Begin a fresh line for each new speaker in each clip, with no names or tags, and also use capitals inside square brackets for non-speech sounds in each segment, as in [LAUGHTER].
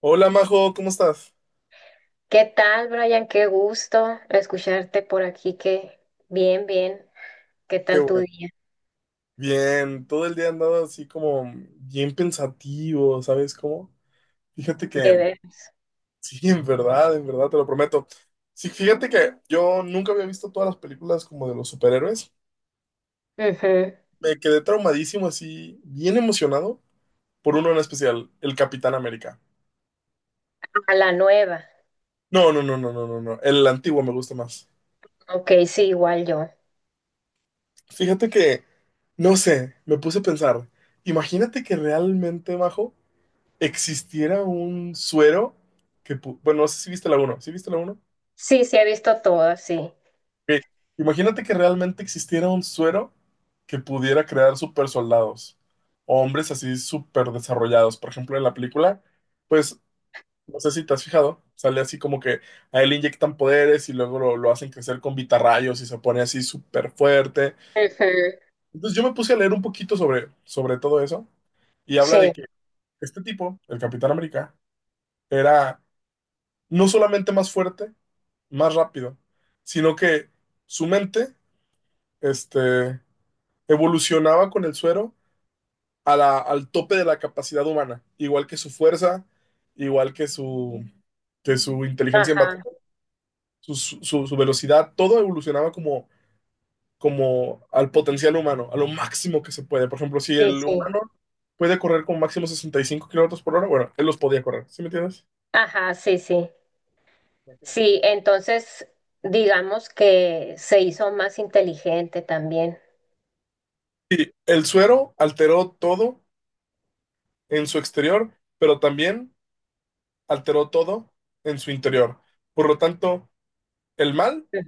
Hola Majo, ¿cómo estás?
¿Qué tal, Brian? Qué gusto escucharte por aquí. Que bien, bien. ¿Qué
Qué
tal tu
bueno.
día?
Bien, todo el día he andado así como bien pensativo, ¿sabes cómo? Fíjate
De
que,
veras.
sí, [LAUGHS] en verdad, te lo prometo. Sí, fíjate que yo nunca había visto todas las películas como de los superhéroes.
Ujú.
Me quedé traumadísimo así, bien emocionado por uno en especial, el Capitán América.
A la nueva.
No, no, no, no, no, no, no, el antiguo me gusta más.
Ok, sí, igual yo.
Fíjate que, no sé, me puse a pensar, imagínate que realmente, Majo, existiera un suero que, bueno, no sé si viste la uno, ¿sí viste la uno?
Sí, sí, he visto todas, sí.
Ok, imagínate que realmente existiera un suero que pudiera crear super soldados o hombres así super desarrollados. Por ejemplo, en la película, pues, no sé si te has fijado, sale así como que a él le inyectan poderes y luego lo hacen crecer con vitarrayos y se pone así súper fuerte.
Ujú.
Entonces yo me puse a leer un poquito sobre todo eso y habla
Sí,
de que este tipo, el Capitán América, era no solamente más fuerte, más rápido, sino que su mente, este, evolucionaba con el suero al tope de la capacidad humana, igual que su fuerza, igual que que su inteligencia en batalla,
ajá,
su velocidad, todo evolucionaba como al potencial humano, a lo máximo que se puede. Por ejemplo, si
sí,
el
sí.
humano puede correr con máximo 65 kilómetros por hora, bueno, él los podía correr, ¿sí me entiendes?
Ajá, sí, sí. Sí, entonces digamos que se hizo más inteligente también.
Y el suero alteró todo en su exterior, pero también alteró todo en su interior. Por lo tanto, el mal
Ujú.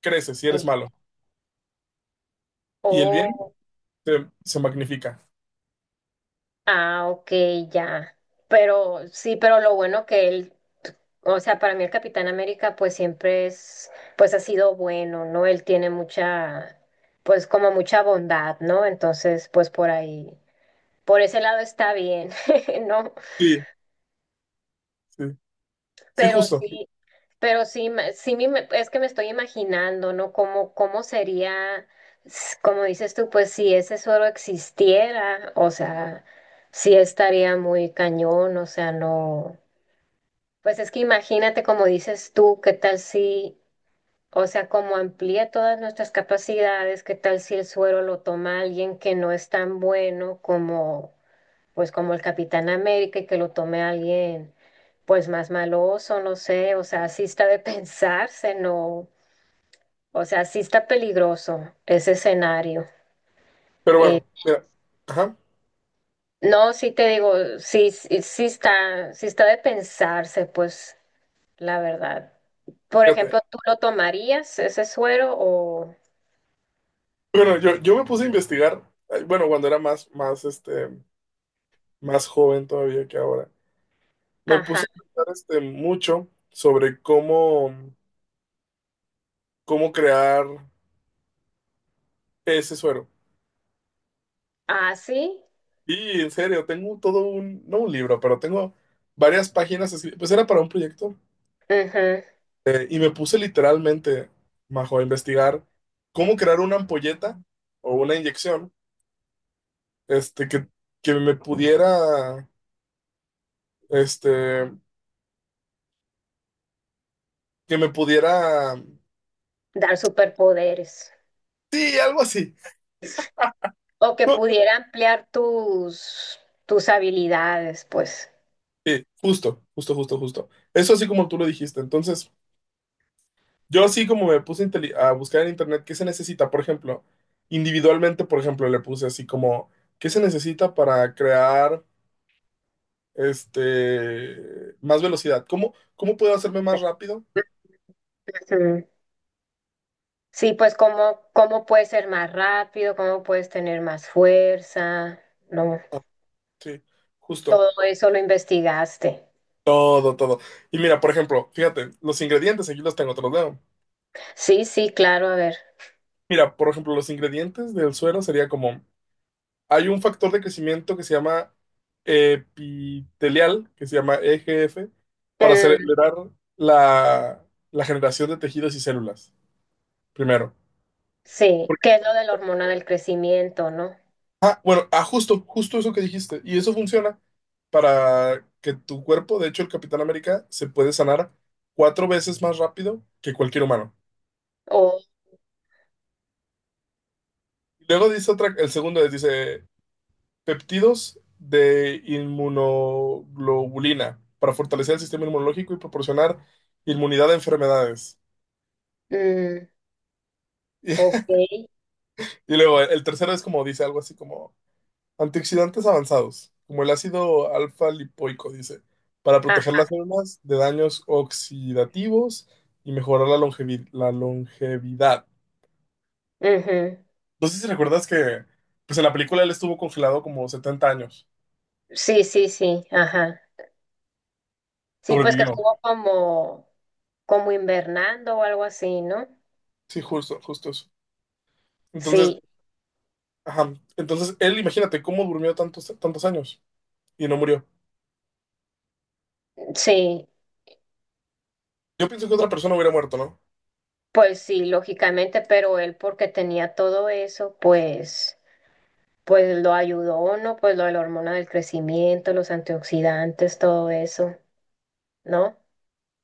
crece si eres
Sí.
malo y el bien
Oh,
se magnifica.
ah, ok, ya. Pero sí, pero lo bueno que él. O sea, para mí el Capitán América pues siempre es, pues ha sido bueno, ¿no? Él tiene mucha, pues como mucha bondad, ¿no? Entonces, pues por ahí, por ese lado está bien, [LAUGHS] ¿no?
Sí, sí, sí,
Pero
justo.
sí, pero sí, es que me estoy imaginando, ¿no? Cómo sería, como dices tú, pues si ese suero existiera, o sea, sí estaría muy cañón, o sea, no. Pues es que imagínate, como dices tú, qué tal si o sea, como amplía todas nuestras capacidades, ¿qué tal si el suero lo toma alguien que no es tan bueno como, pues, como el Capitán América y que lo tome alguien, pues, más maloso, no sé, o sea, sí está de [LAUGHS] pensarse, no, o sea, sí está peligroso ese escenario.
Pero
Eh,
bueno, mira, ajá,
no, sí te digo, sí, sí, sí está de pensarse, pues, la verdad. Por
fíjate.
ejemplo, ¿tú lo tomarías ese suero o,
Bueno, yo me puse a investigar, bueno, cuando era más, más joven todavía que ahora, me
ajá,
puse a pensar mucho sobre cómo, crear ese suero.
así?
Y en serio, tengo todo un, no un libro, pero tengo varias páginas, pues era para un proyecto. Y me puse literalmente, Majo, a investigar cómo crear una ampolleta o una inyección, este, que, que me pudiera, este, que me pudiera,
Dar superpoderes
sí, algo así.
o que
No,
pudiera ampliar tus habilidades, pues.
sí, justo, justo, justo, justo. Eso así como tú lo dijiste. Entonces, yo así como me puse a buscar en internet qué se necesita, por ejemplo, individualmente, por ejemplo, le puse así como, ¿qué se necesita para crear, más velocidad? ¿Cómo puedo hacerme más rápido?
Ujú. Sí, pues cómo puedes ser más rápido, cómo puedes tener más fuerza, ¿no?
Sí, justo.
Todo eso lo investigaste.
Todo, todo. Y mira, por ejemplo, fíjate, los ingredientes, aquí los tengo, te los leo.
Sí, sí, claro, a ver.
Mira, por ejemplo, los ingredientes del suero sería como, hay un factor de crecimiento que se llama epitelial, que se llama EGF, para
Mm,
acelerar la, la generación de tejidos y células, primero.
sí,
Porque,
¿qué es lo de la hormona del crecimiento, no?
ah, bueno, ah, justo, justo eso que dijiste. Y eso funciona para que tu cuerpo, de hecho, el Capitán América se puede sanar cuatro veces más rápido que cualquier humano.
O,
Y luego dice otra, el segundo es, dice peptidos de inmunoglobulina para fortalecer el sistema inmunológico y proporcionar inmunidad a enfermedades.
mm,
[LAUGHS]
ok,
Y luego el tercero es como dice algo así como antioxidantes avanzados, como el ácido alfa lipoico, dice, para proteger
ah,
las células de daños oxidativos y mejorar la la longevidad.
ujú.
No sé si recuerdas que pues en la película él estuvo congelado como 70 años,
Sí, sí, sí, ajá. Sí, pues que
sobrevivió.
estuvo como, invernando o algo así, ¿no?
Sí, justo, justo eso. Entonces,
Sí,
ajá. Entonces, él, imagínate cómo durmió tantos, tantos años y no murió.
sí,
Yo pienso que otra persona hubiera muerto, ¿no?
pues sí, lógicamente, pero él porque tenía todo eso, pues lo ayudó, ¿no? Pues lo de la hormona del crecimiento, los antioxidantes, todo eso, ¿no?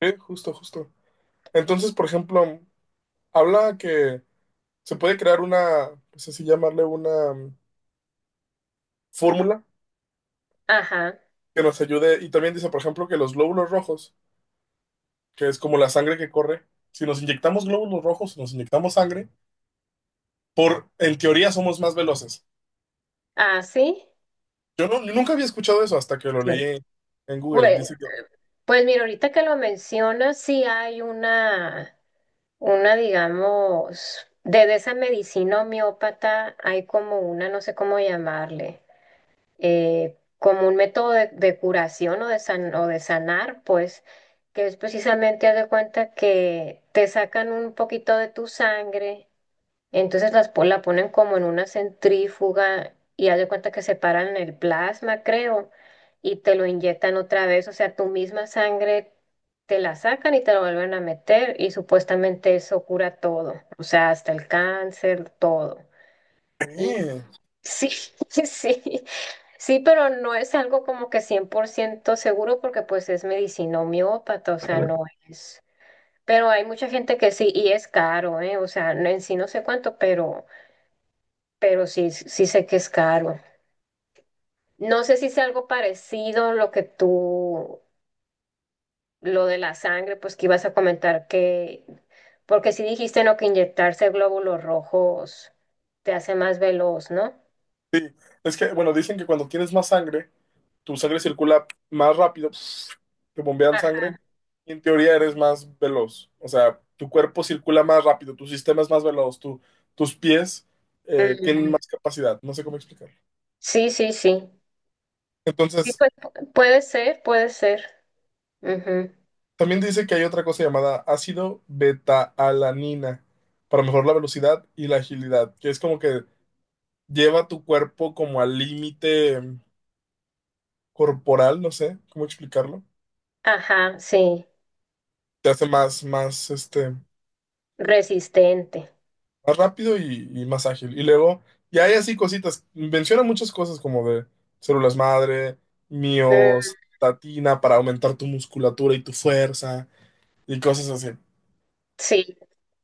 Sí, justo, justo. Entonces, por ejemplo, habla que se puede crear una, no sé si llamarle una fórmula
Ajá.
que nos ayude. Y también dice, por ejemplo, que los glóbulos rojos, que es como la sangre que corre, si nos inyectamos glóbulos rojos, si nos inyectamos sangre, por, en teoría somos más veloces.
Ah, sí.
Yo, no, yo nunca había escuchado eso hasta que lo
Sí.
leí en Google.
Pues,
Dice que...
pues mira, ahorita que lo mencionas, sí hay una, digamos, de esa medicina homeópata hay como una, no sé cómo llamarle. Como un método de curación o de, o de sanar, pues, que es precisamente, haz de cuenta que te sacan un poquito de tu sangre, entonces la ponen como en una centrífuga y haz de cuenta que separan el plasma, creo, y te lo inyectan otra vez, o sea, tu misma sangre te la sacan y te la vuelven a meter y supuestamente eso cura todo, o sea, hasta el cáncer, todo.
"Eh".
Sí, [LAUGHS] sí, sí, pero no es algo como que 100% seguro porque pues es medicina homeópata, o sea, no es. Pero hay mucha gente que sí, y es caro, ¿eh? O sea, en sí no sé cuánto, pero sí, sí sé que es caro. No sé si es algo parecido lo de la sangre, pues que ibas a comentar que, porque sí dijiste, ¿no? Que inyectarse glóbulos rojos te hace más veloz, ¿no?
Es que, bueno, dicen que cuando tienes más sangre tu sangre circula más rápido, [SNIFFS] te bombean
Ajá.
sangre, y en teoría eres más veloz. O sea, tu cuerpo circula más rápido, tu sistema es más veloz, tu- tus pies tienen
Mm,
más capacidad. No sé cómo explicarlo.
sí, sí, sí. Sí,
Entonces,
pues puede ser, puede ser. Ujú.
también dice que hay otra cosa llamada ácido beta-alanina para mejorar la velocidad y la agilidad, que es como que lleva tu cuerpo como al límite corporal, no sé cómo explicarlo.
Ajá, sí,
Te hace más,
resistente.
más rápido y más ágil. Y luego, y hay así cositas, menciona muchas cosas como de células madre,
Mm,
miostatina para aumentar tu musculatura y tu fuerza y cosas así.
sí,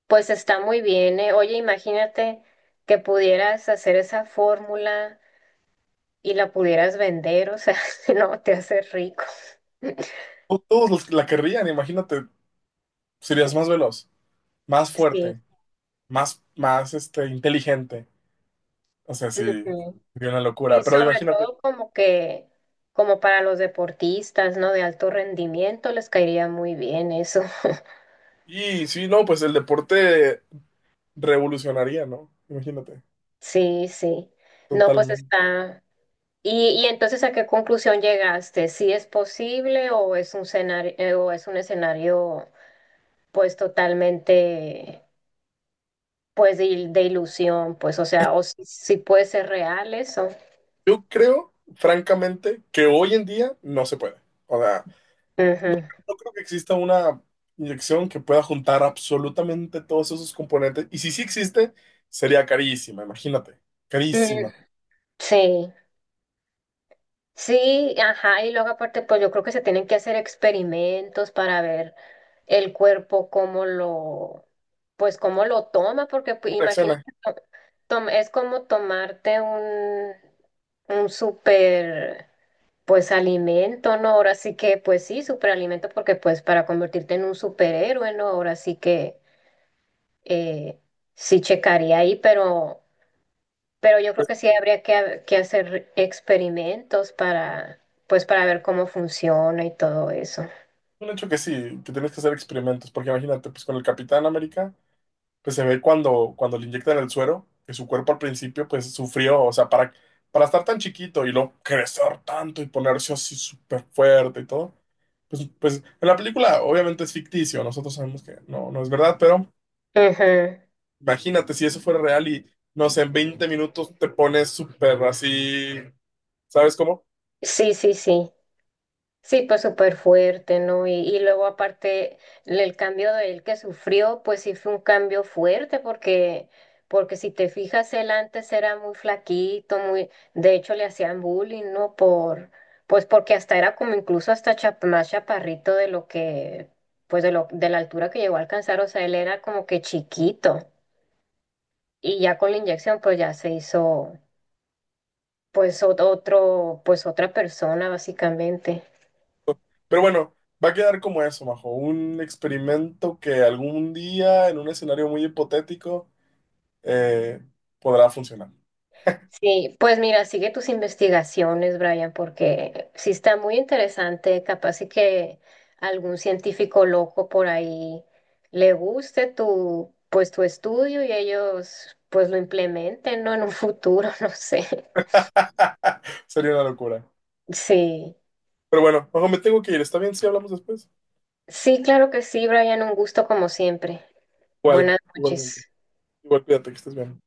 pues está muy bien, ¿eh? Oye, imagínate que pudieras hacer esa fórmula y la pudieras vender, o sea, [LAUGHS] no, te haces rico.
Todos los que la querrían, imagínate, serías más veloz, más
Sí.
fuerte, más inteligente. O sea, sí,
Ujú.
sería una
Sí,
locura, pero
sobre
imagínate.
todo como que, como para los deportistas, ¿no? De alto rendimiento les caería muy bien eso. [LAUGHS]
Y sí, no, pues el deporte revolucionaría, ¿no? Imagínate,
Sí, sí. No, pues
totalmente.
está. Y entonces, ¿a qué conclusión llegaste? ¿Si es posible o es un escenario, pues totalmente pues de, de ilusión, pues, o sea, o si puede ser real eso?
Yo creo, francamente, que hoy en día no se puede. O sea,
Ujú.
no creo que exista una inyección que pueda juntar absolutamente todos esos componentes. Y si sí existe, sería carísima, imagínate.
Mm,
Carísima.
sí, sí, ajá, y luego aparte, pues yo creo que se tienen que hacer experimentos para ver el cuerpo cómo lo, pues cómo lo toma, porque pues,
¿Cómo
imagínate,
reacciona?
es como tomarte un súper Pues alimento, ¿no? Ahora sí que, pues sí, superalimento, porque pues para convertirte en un superhéroe, ¿no? Ahora sí que eh, sí checaría ahí, pero, yo creo
Pues es
que sí habría que, que hacer experimentos para ver cómo funciona y todo eso.
un hecho que sí, que tienes que hacer experimentos, porque imagínate, pues con el Capitán América pues se ve cuando, cuando le inyectan el suero, que su cuerpo al principio pues sufrió, o sea, para estar tan chiquito y luego crecer tanto y ponerse así súper fuerte y todo, pues, pues en la película obviamente es ficticio, nosotros sabemos que no, no es verdad, pero
Ujú.
imagínate si eso fuera real y no sé, en 20 minutos te pones súper así, ¿sabes cómo?
Sí, sí, sí. Sí, pues súper fuerte, ¿no? Y luego aparte el cambio de él que sufrió, pues sí fue un cambio fuerte porque si te fijas, él antes era muy flaquito, muy, de hecho le hacían bullying, ¿no? Pues porque hasta era como incluso hasta más chaparrito de lo que, pues de lo, de la altura que llegó a alcanzar, o sea, él era como que chiquito y ya con la inyección pues ya se hizo pues otra persona básicamente.
Pero bueno. Va a quedar como eso, Majo, un experimento que algún día en un escenario muy hipotético eh, podrá funcionar.
Sí, pues mira, sigue tus investigaciones, Brian, porque sí está muy interesante, capaz y que algún científico loco por ahí le guste tu estudio y ellos pues lo implementen, ¿no? En un futuro, [LAUGHS] no sé.
[LAUGHS] Sería una locura.
Sí,
Pero bueno, ojo, me tengo que ir. ¿Está bien si hablamos después?
sí, claro que sí, Brian, un gusto como siempre.
Igual,
Buenas
igualmente.
noches.
Igual, cuídate, que estés bien.